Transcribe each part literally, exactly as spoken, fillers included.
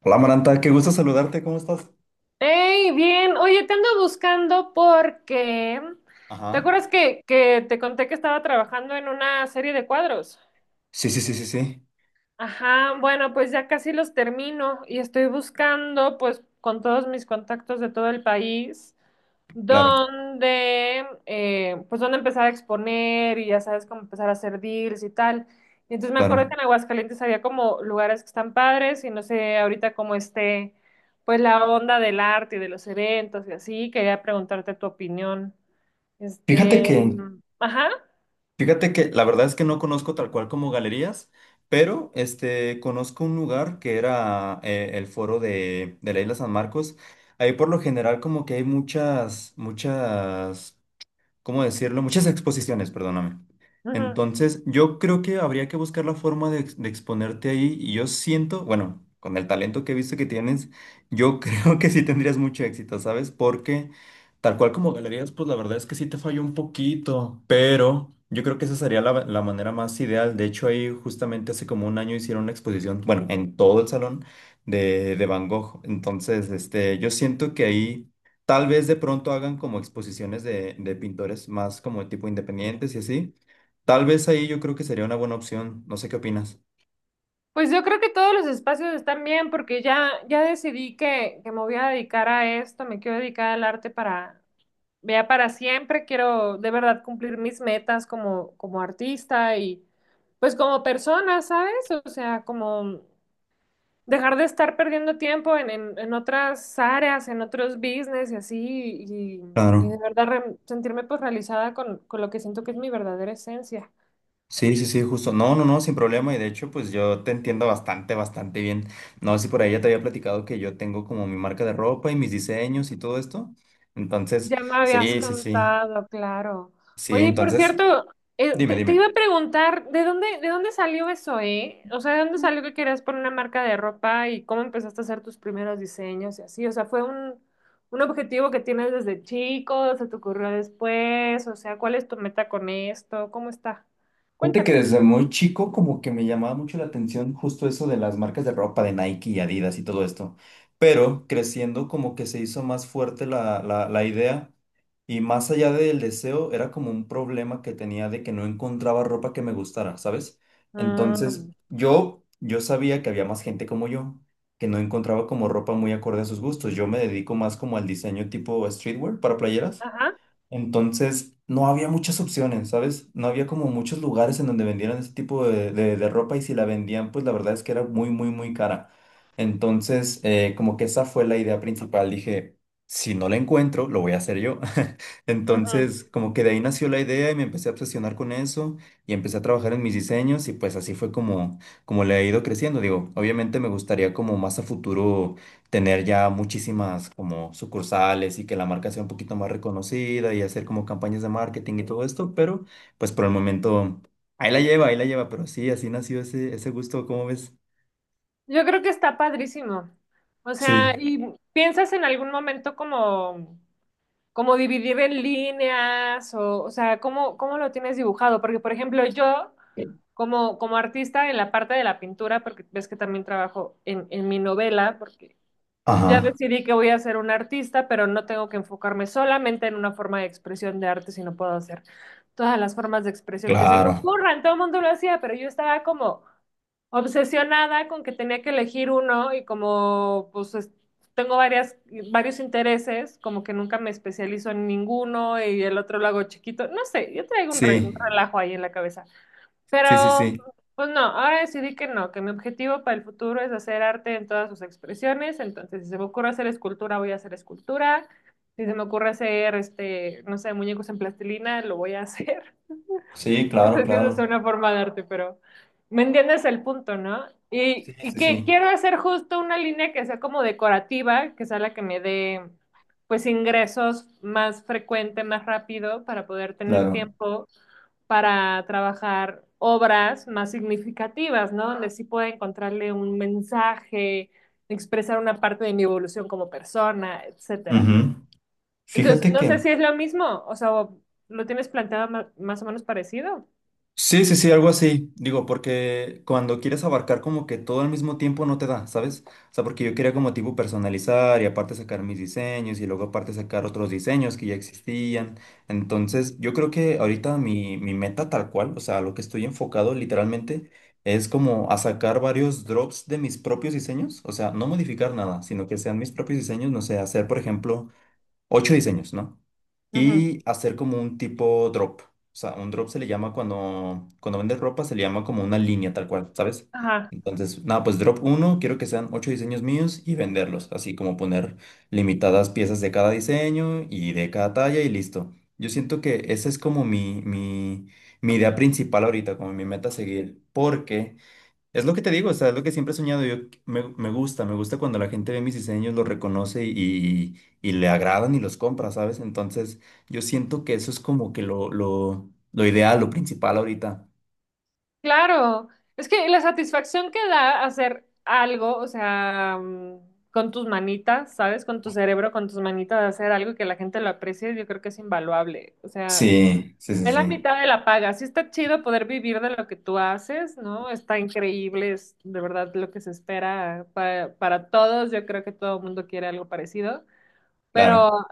Hola Maranta, qué gusto saludarte, ¿cómo estás? Hey, bien. Oye, te ando buscando porque... ¿Te Ajá. acuerdas que, que te conté que estaba trabajando en una serie de cuadros? Sí, sí, sí, sí, sí, Ajá, bueno, pues ya casi los termino y estoy buscando, pues, con todos mis contactos de todo el país, claro, donde, eh, pues, dónde empezar a exponer y ya sabes cómo empezar a hacer deals y tal. Y entonces me acuerdo que claro. en Aguascalientes había como lugares que están padres y no sé ahorita cómo esté, pues, la onda del arte y de los eventos y así. Quería preguntarte tu opinión. Fíjate Este, que, mm, ajá. fíjate que la verdad es que no conozco tal cual como galerías, pero este, conozco un lugar que era eh, el foro de, de la Isla San Marcos. Ahí por lo general como que hay muchas, muchas ¿cómo decirlo? Muchas exposiciones, perdóname. Ujú. Entonces, yo creo que habría que buscar la forma de, ex- de exponerte ahí y yo siento, bueno, con el talento que he visto que tienes, yo creo que sí tendrías mucho éxito, ¿sabes? Porque tal cual como galerías, pues la verdad es que sí te falló un poquito, pero yo creo que esa sería la, la manera más ideal. De hecho, ahí justamente hace como un año hicieron una exposición, bueno, en todo el salón de, de Van Gogh. Entonces, este, yo siento que ahí… Tal vez de pronto hagan como exposiciones de, de pintores más como tipo independientes y así. Tal vez ahí yo creo que sería una buena opción. No sé qué opinas. Pues yo creo que todos los espacios están bien porque ya, ya decidí que, que me voy a dedicar a esto, me quiero dedicar al arte para, vea para siempre, quiero de verdad cumplir mis metas como, como artista y pues como persona, ¿sabes? O sea, como dejar de estar perdiendo tiempo en, en, en otras áreas, en otros business y así, y, y de Claro. verdad re- sentirme pues realizada con, con lo que siento que es mi verdadera esencia. Sí, sí, sí, justo. No, no, no, sin problema. Y de hecho, pues yo te entiendo bastante, bastante bien. No sé si por ahí ya te había platicado que yo tengo como mi marca de ropa y mis diseños y todo esto. Entonces, Ya me habías sí, sí, sí. contado, claro. Sí, Oye, y por entonces, cierto, eh, dime, te, te dime. iba a preguntar, ¿de dónde, de dónde salió eso, eh? O sea, ¿de dónde salió que querías poner una marca de ropa y cómo empezaste a hacer tus primeros diseños y así? O sea, ¿fue un, un objetivo que tienes desde chico? ¿Se te ocurrió después? O sea, ¿cuál es tu meta con esto? ¿Cómo está? Fíjate que Cuéntame. desde muy chico como que me llamaba mucho la atención justo eso de las marcas de ropa de Nike y Adidas y todo esto, pero creciendo como que se hizo más fuerte la, la, la idea y más allá del deseo era como un problema que tenía de que no encontraba ropa que me gustara, ¿sabes? Entonces Mm, yo, yo sabía que había más gente como yo que no encontraba como ropa muy acorde a sus gustos, yo me dedico más como al diseño tipo streetwear para playeras. ajá. Entonces, no había muchas opciones, ¿sabes? No había como muchos lugares en donde vendieran ese tipo de, de- de ropa y si la vendían, pues la verdad es que era muy, muy, muy cara. Entonces, eh, como que esa fue la idea principal. Dije, si no la encuentro, lo voy a hacer yo. Ujú. Entonces, como que de ahí nació la idea y me empecé a obsesionar con eso y empecé a trabajar en mis diseños y pues así fue como, como le he ido creciendo. Digo, obviamente me gustaría como más a futuro tener ya muchísimas como sucursales y que la marca sea un poquito más reconocida y hacer como campañas de marketing y todo esto, pero pues por el momento ahí la lleva, ahí la lleva, pero sí, así nació ese, ese gusto, ¿cómo ves? Yo creo que está padrísimo. O Sí. sea, ¿y piensas en algún momento como... como dividir en líneas o, o sea, ¿cómo, cómo lo tienes dibujado? Porque, por ejemplo, yo como, como artista en la parte de la pintura, porque ves que también trabajo en, en mi novela, porque ya Ajá, decidí que voy a ser un artista, pero no tengo que enfocarme solamente en una forma de expresión de arte, sino puedo hacer todas las formas de expresión que se me claro. ocurran. Todo el mundo lo hacía, pero yo estaba como obsesionada con que tenía que elegir uno y como pues es- tengo varias, varios intereses, como que nunca me especializo en ninguno y el otro lo hago chiquito. No sé, yo traigo un, re- un Sí, relajo ahí en la cabeza. sí, sí, Pero sí. pues no, ahora decidí que no, que mi objetivo para el futuro es hacer arte en todas sus expresiones. Entonces, si se me ocurre hacer escultura, voy a hacer escultura. Si se me ocurre hacer, este, no sé, muñecos en plastilina, lo voy a hacer. Sí, No claro, sé si eso es claro. una forma de arte, pero me entiendes el punto, ¿no? Sí, Y, y sí, que sí, quiero hacer justo una línea que sea como decorativa, que sea la que me dé pues ingresos más frecuente, más rápido, para poder tener claro. tiempo para trabajar obras más significativas, ¿no? Donde sí pueda encontrarle un mensaje, expresar una parte de mi evolución como persona, etcétera. Ujú. Entonces, Fíjate no sé que si es lo mismo, o sea, ¿lo tienes planteado ma- más o menos parecido? sí, sí, sí, algo así. Digo, porque cuando quieres abarcar como que todo al mismo tiempo no te da, ¿sabes? O sea, porque yo quería como tipo personalizar y aparte sacar mis diseños y luego aparte sacar otros diseños que ya existían. Entonces, yo creo que ahorita mi, mi meta tal cual, o sea, lo que estoy enfocado literalmente es como a sacar varios drops de mis propios diseños. O sea, no modificar nada, sino que sean mis propios diseños, no sé, hacer, por ejemplo, ocho diseños, ¿no? Ujú. Y hacer como un tipo drop. O sea, un drop se le llama cuando, cuando vendes ropa, se le llama como una línea tal cual, ¿sabes? Ajá, Entonces, nada, pues drop uno, quiero que sean ocho diseños míos y venderlos, así como poner limitadas piezas de cada diseño y de cada talla y listo. Yo siento que esa es como mi, mi, mi idea principal ahorita, como mi meta a seguir, porque… Es lo que te digo, o sea, es lo que siempre he soñado. Yo me, me gusta, me gusta cuando la gente ve mis diseños, los reconoce y, y le agradan y los compra, ¿sabes? Entonces, yo siento que eso es como que lo, lo, lo ideal, lo principal ahorita. claro. Es que la satisfacción que da hacer algo, o sea, mm, con tus manitas, ¿sabes? Con tu cerebro, con tus manitas, hacer algo que la gente lo aprecie, yo creo que es invaluable. O sea, Sí, sí, sí, es la sí, mitad de la paga. Sí está chido poder vivir de lo que tú haces, ¿no? Está increíble, es de verdad lo que se espera para, para todos. Yo creo que todo el mundo quiere algo parecido. claro. Pero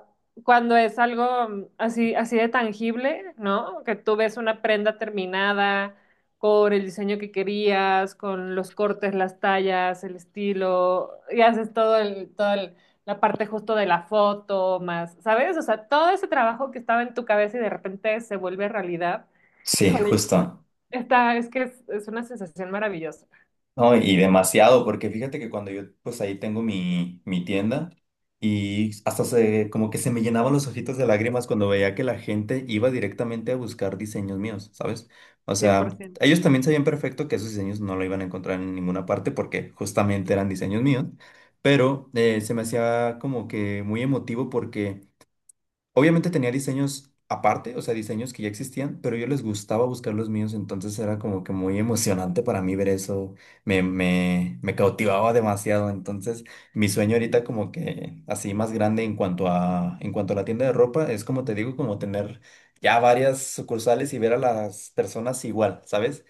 cuando es algo mm, así, así de tangible, ¿no? Que tú ves una prenda terminada con el diseño que querías, con los cortes, las tallas, el estilo, y haces todo el, todo el- la parte justo de la foto, más, ¿sabes? O sea, todo ese trabajo que estaba en tu cabeza y de repente se vuelve realidad. Sí, Híjole, justo. esta es que es, es una sensación maravillosa, No, y demasiado, porque fíjate que cuando yo, pues ahí tengo mi, mi tienda y hasta se, como que se me llenaban los ojitos de lágrimas cuando veía que la gente iba directamente a buscar diseños míos, ¿sabes? O sea, ellos también sabían perfecto que esos diseños no lo iban a encontrar en ninguna parte porque justamente eran diseños míos, pero eh, se me hacía como que muy emotivo porque… Obviamente tenía diseños aparte, o sea, diseños que ya existían, pero yo les gustaba buscar los míos, entonces era como que muy emocionante para mí ver eso, me, me, me cautivaba demasiado, entonces mi sueño ahorita como que así más grande en cuanto a, en cuanto a la tienda de ropa, es como te digo, como tener ya varias sucursales y ver a las personas igual, ¿sabes?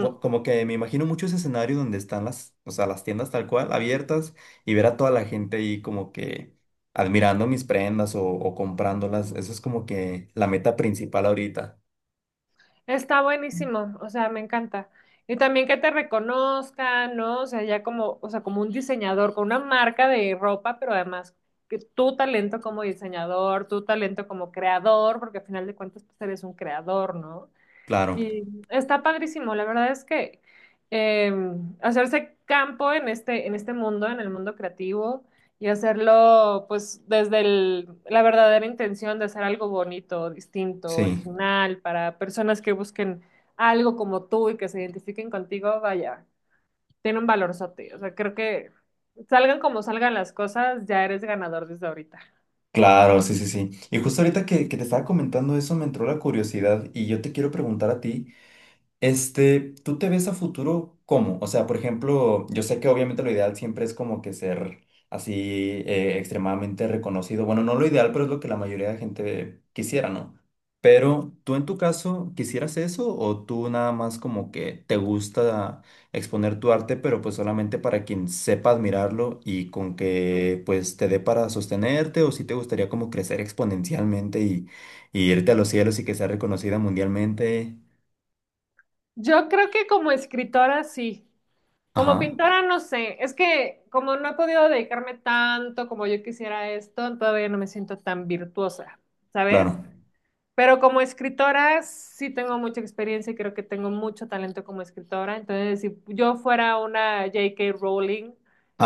bu- Como que me imagino mucho ese escenario donde están las, o sea, las tiendas tal cual abiertas y ver a toda la gente ahí como que admirando mis prendas o, o comprándolas. Eso es como que la meta principal ahorita. Está buenísimo, o sea, me encanta. Y también que te reconozcan, ¿no? O sea, ya como, o sea, como un diseñador, con una marca de ropa, pero además que tu talento como diseñador, tu talento como creador, porque al final de cuentas, pues eres un creador, ¿no? Claro, Y está padrísimo, la verdad es que eh, hacerse campo en este, en este mundo, en el mundo creativo, y hacerlo pues desde el- la verdadera intención de hacer algo bonito, distinto, sí. original, para personas que busquen algo como tú y que se identifiquen contigo, vaya, tiene un valorzote. O sea, creo que salgan como salgan las cosas, ya eres ganador desde ahorita. Claro, sí, sí, sí. Y justo ahorita que, que te estaba comentando eso me entró la curiosidad y yo te quiero preguntar a ti. Este, ¿tú te ves a futuro cómo? O sea, por ejemplo, yo sé que obviamente lo ideal siempre es como que ser así eh, extremadamente reconocido. Bueno, no lo ideal, pero es lo que la mayoría de gente quisiera, ¿no? Pero tú en tu caso, ¿quisieras eso o tú nada más como que te gusta exponer tu arte, pero pues solamente para quien sepa admirarlo y con que pues te dé para sostenerte o si te gustaría como crecer exponencialmente y, y irte a los cielos y que sea reconocida mundialmente? Yo creo que como escritora sí. Como Ajá. pintora, no sé, es que como no he podido dedicarme tanto como yo quisiera a esto, todavía no me siento tan virtuosa, ¿sabes? Claro. Pero como escritora sí tengo mucha experiencia y creo que tengo mucho talento como escritora. Entonces, si yo fuera una J K. Rowling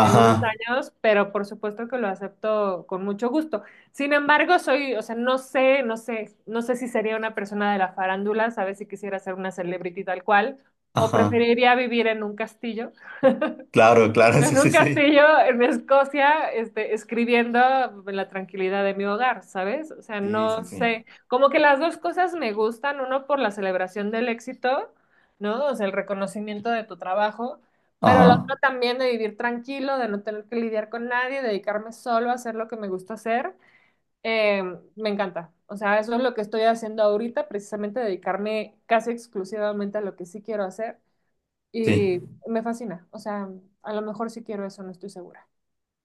en unos Ajá, años, pero por supuesto que lo acepto con mucho gusto. Sin embargo, soy, o sea, no sé, no sé, no sé si sería una persona de la farándula, sabes si quisiera ser una celebrity tal cual, o ajá. preferiría vivir en un castillo. Claro, claro, sí, En sí, un sí. castillo en Escocia, este, escribiendo en la tranquilidad de mi hogar, ¿sabes? O sea, Sí, sí, no sí. sé, como que las dos cosas me gustan, uno por la celebración del éxito, ¿no? O sea, el reconocimiento de tu trabajo, pero Ajá, la otra también de vivir tranquilo, de no tener que lidiar con nadie, dedicarme solo a hacer lo que me gusta hacer, eh, me encanta. O sea, eso es lo que estoy haciendo ahorita, precisamente dedicarme casi exclusivamente a lo que sí quiero hacer. sí. Y me fascina. O sea, a lo mejor sí quiero eso, no estoy segura.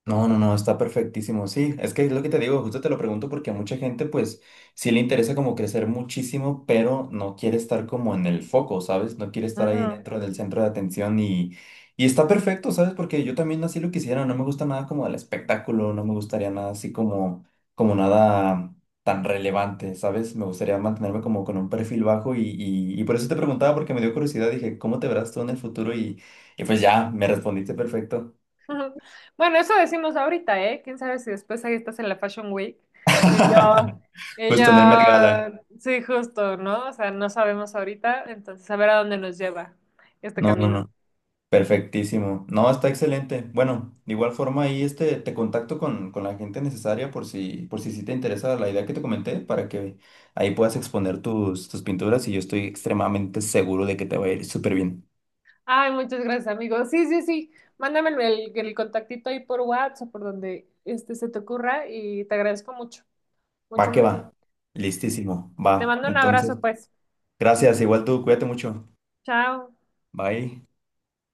No, no, no, está perfectísimo. Sí, es que es lo que te digo, justo te lo pregunto porque a mucha gente pues sí le interesa como crecer muchísimo, pero no quiere estar como en el foco, ¿sabes? No quiere estar ahí Ujú. dentro del centro de atención y, y está perfecto, ¿sabes? Porque yo también así lo quisiera, no me gusta nada como el espectáculo, no me gustaría nada así como, como nada tan relevante, ¿sabes? Me gustaría mantenerme como con un perfil bajo y, y, y por eso te preguntaba porque me dio curiosidad, dije, ¿cómo te verás tú en el futuro? Y, y pues ya, me respondiste perfecto. Bueno, eso decimos ahorita, ¿eh? ¿Quién sabe si después ahí estás en la Fashion Week? Y yo, y yo, Justo en el Met Gala. sí, justo, ¿no? O sea, no sabemos ahorita, entonces a ver a dónde nos lleva este No, no, camino. no. Perfectísimo. No, está excelente. Bueno, de igual forma ahí este, te contacto con, con la gente necesaria por si, por si sí te interesa la idea que te comenté para que ahí puedas exponer tus, tus pinturas y yo estoy extremadamente seguro de que te va a ir súper bien. Ay, muchas gracias, amigo. Sí, sí, sí. Mándame el, el contactito ahí por WhatsApp o por donde este se te ocurra y te agradezco mucho, Va mucho, que va. mucho. Listísimo. Va. Te mando un Entonces, abrazo, pues. gracias. Igual tú, cuídate mucho. Chao. Bye.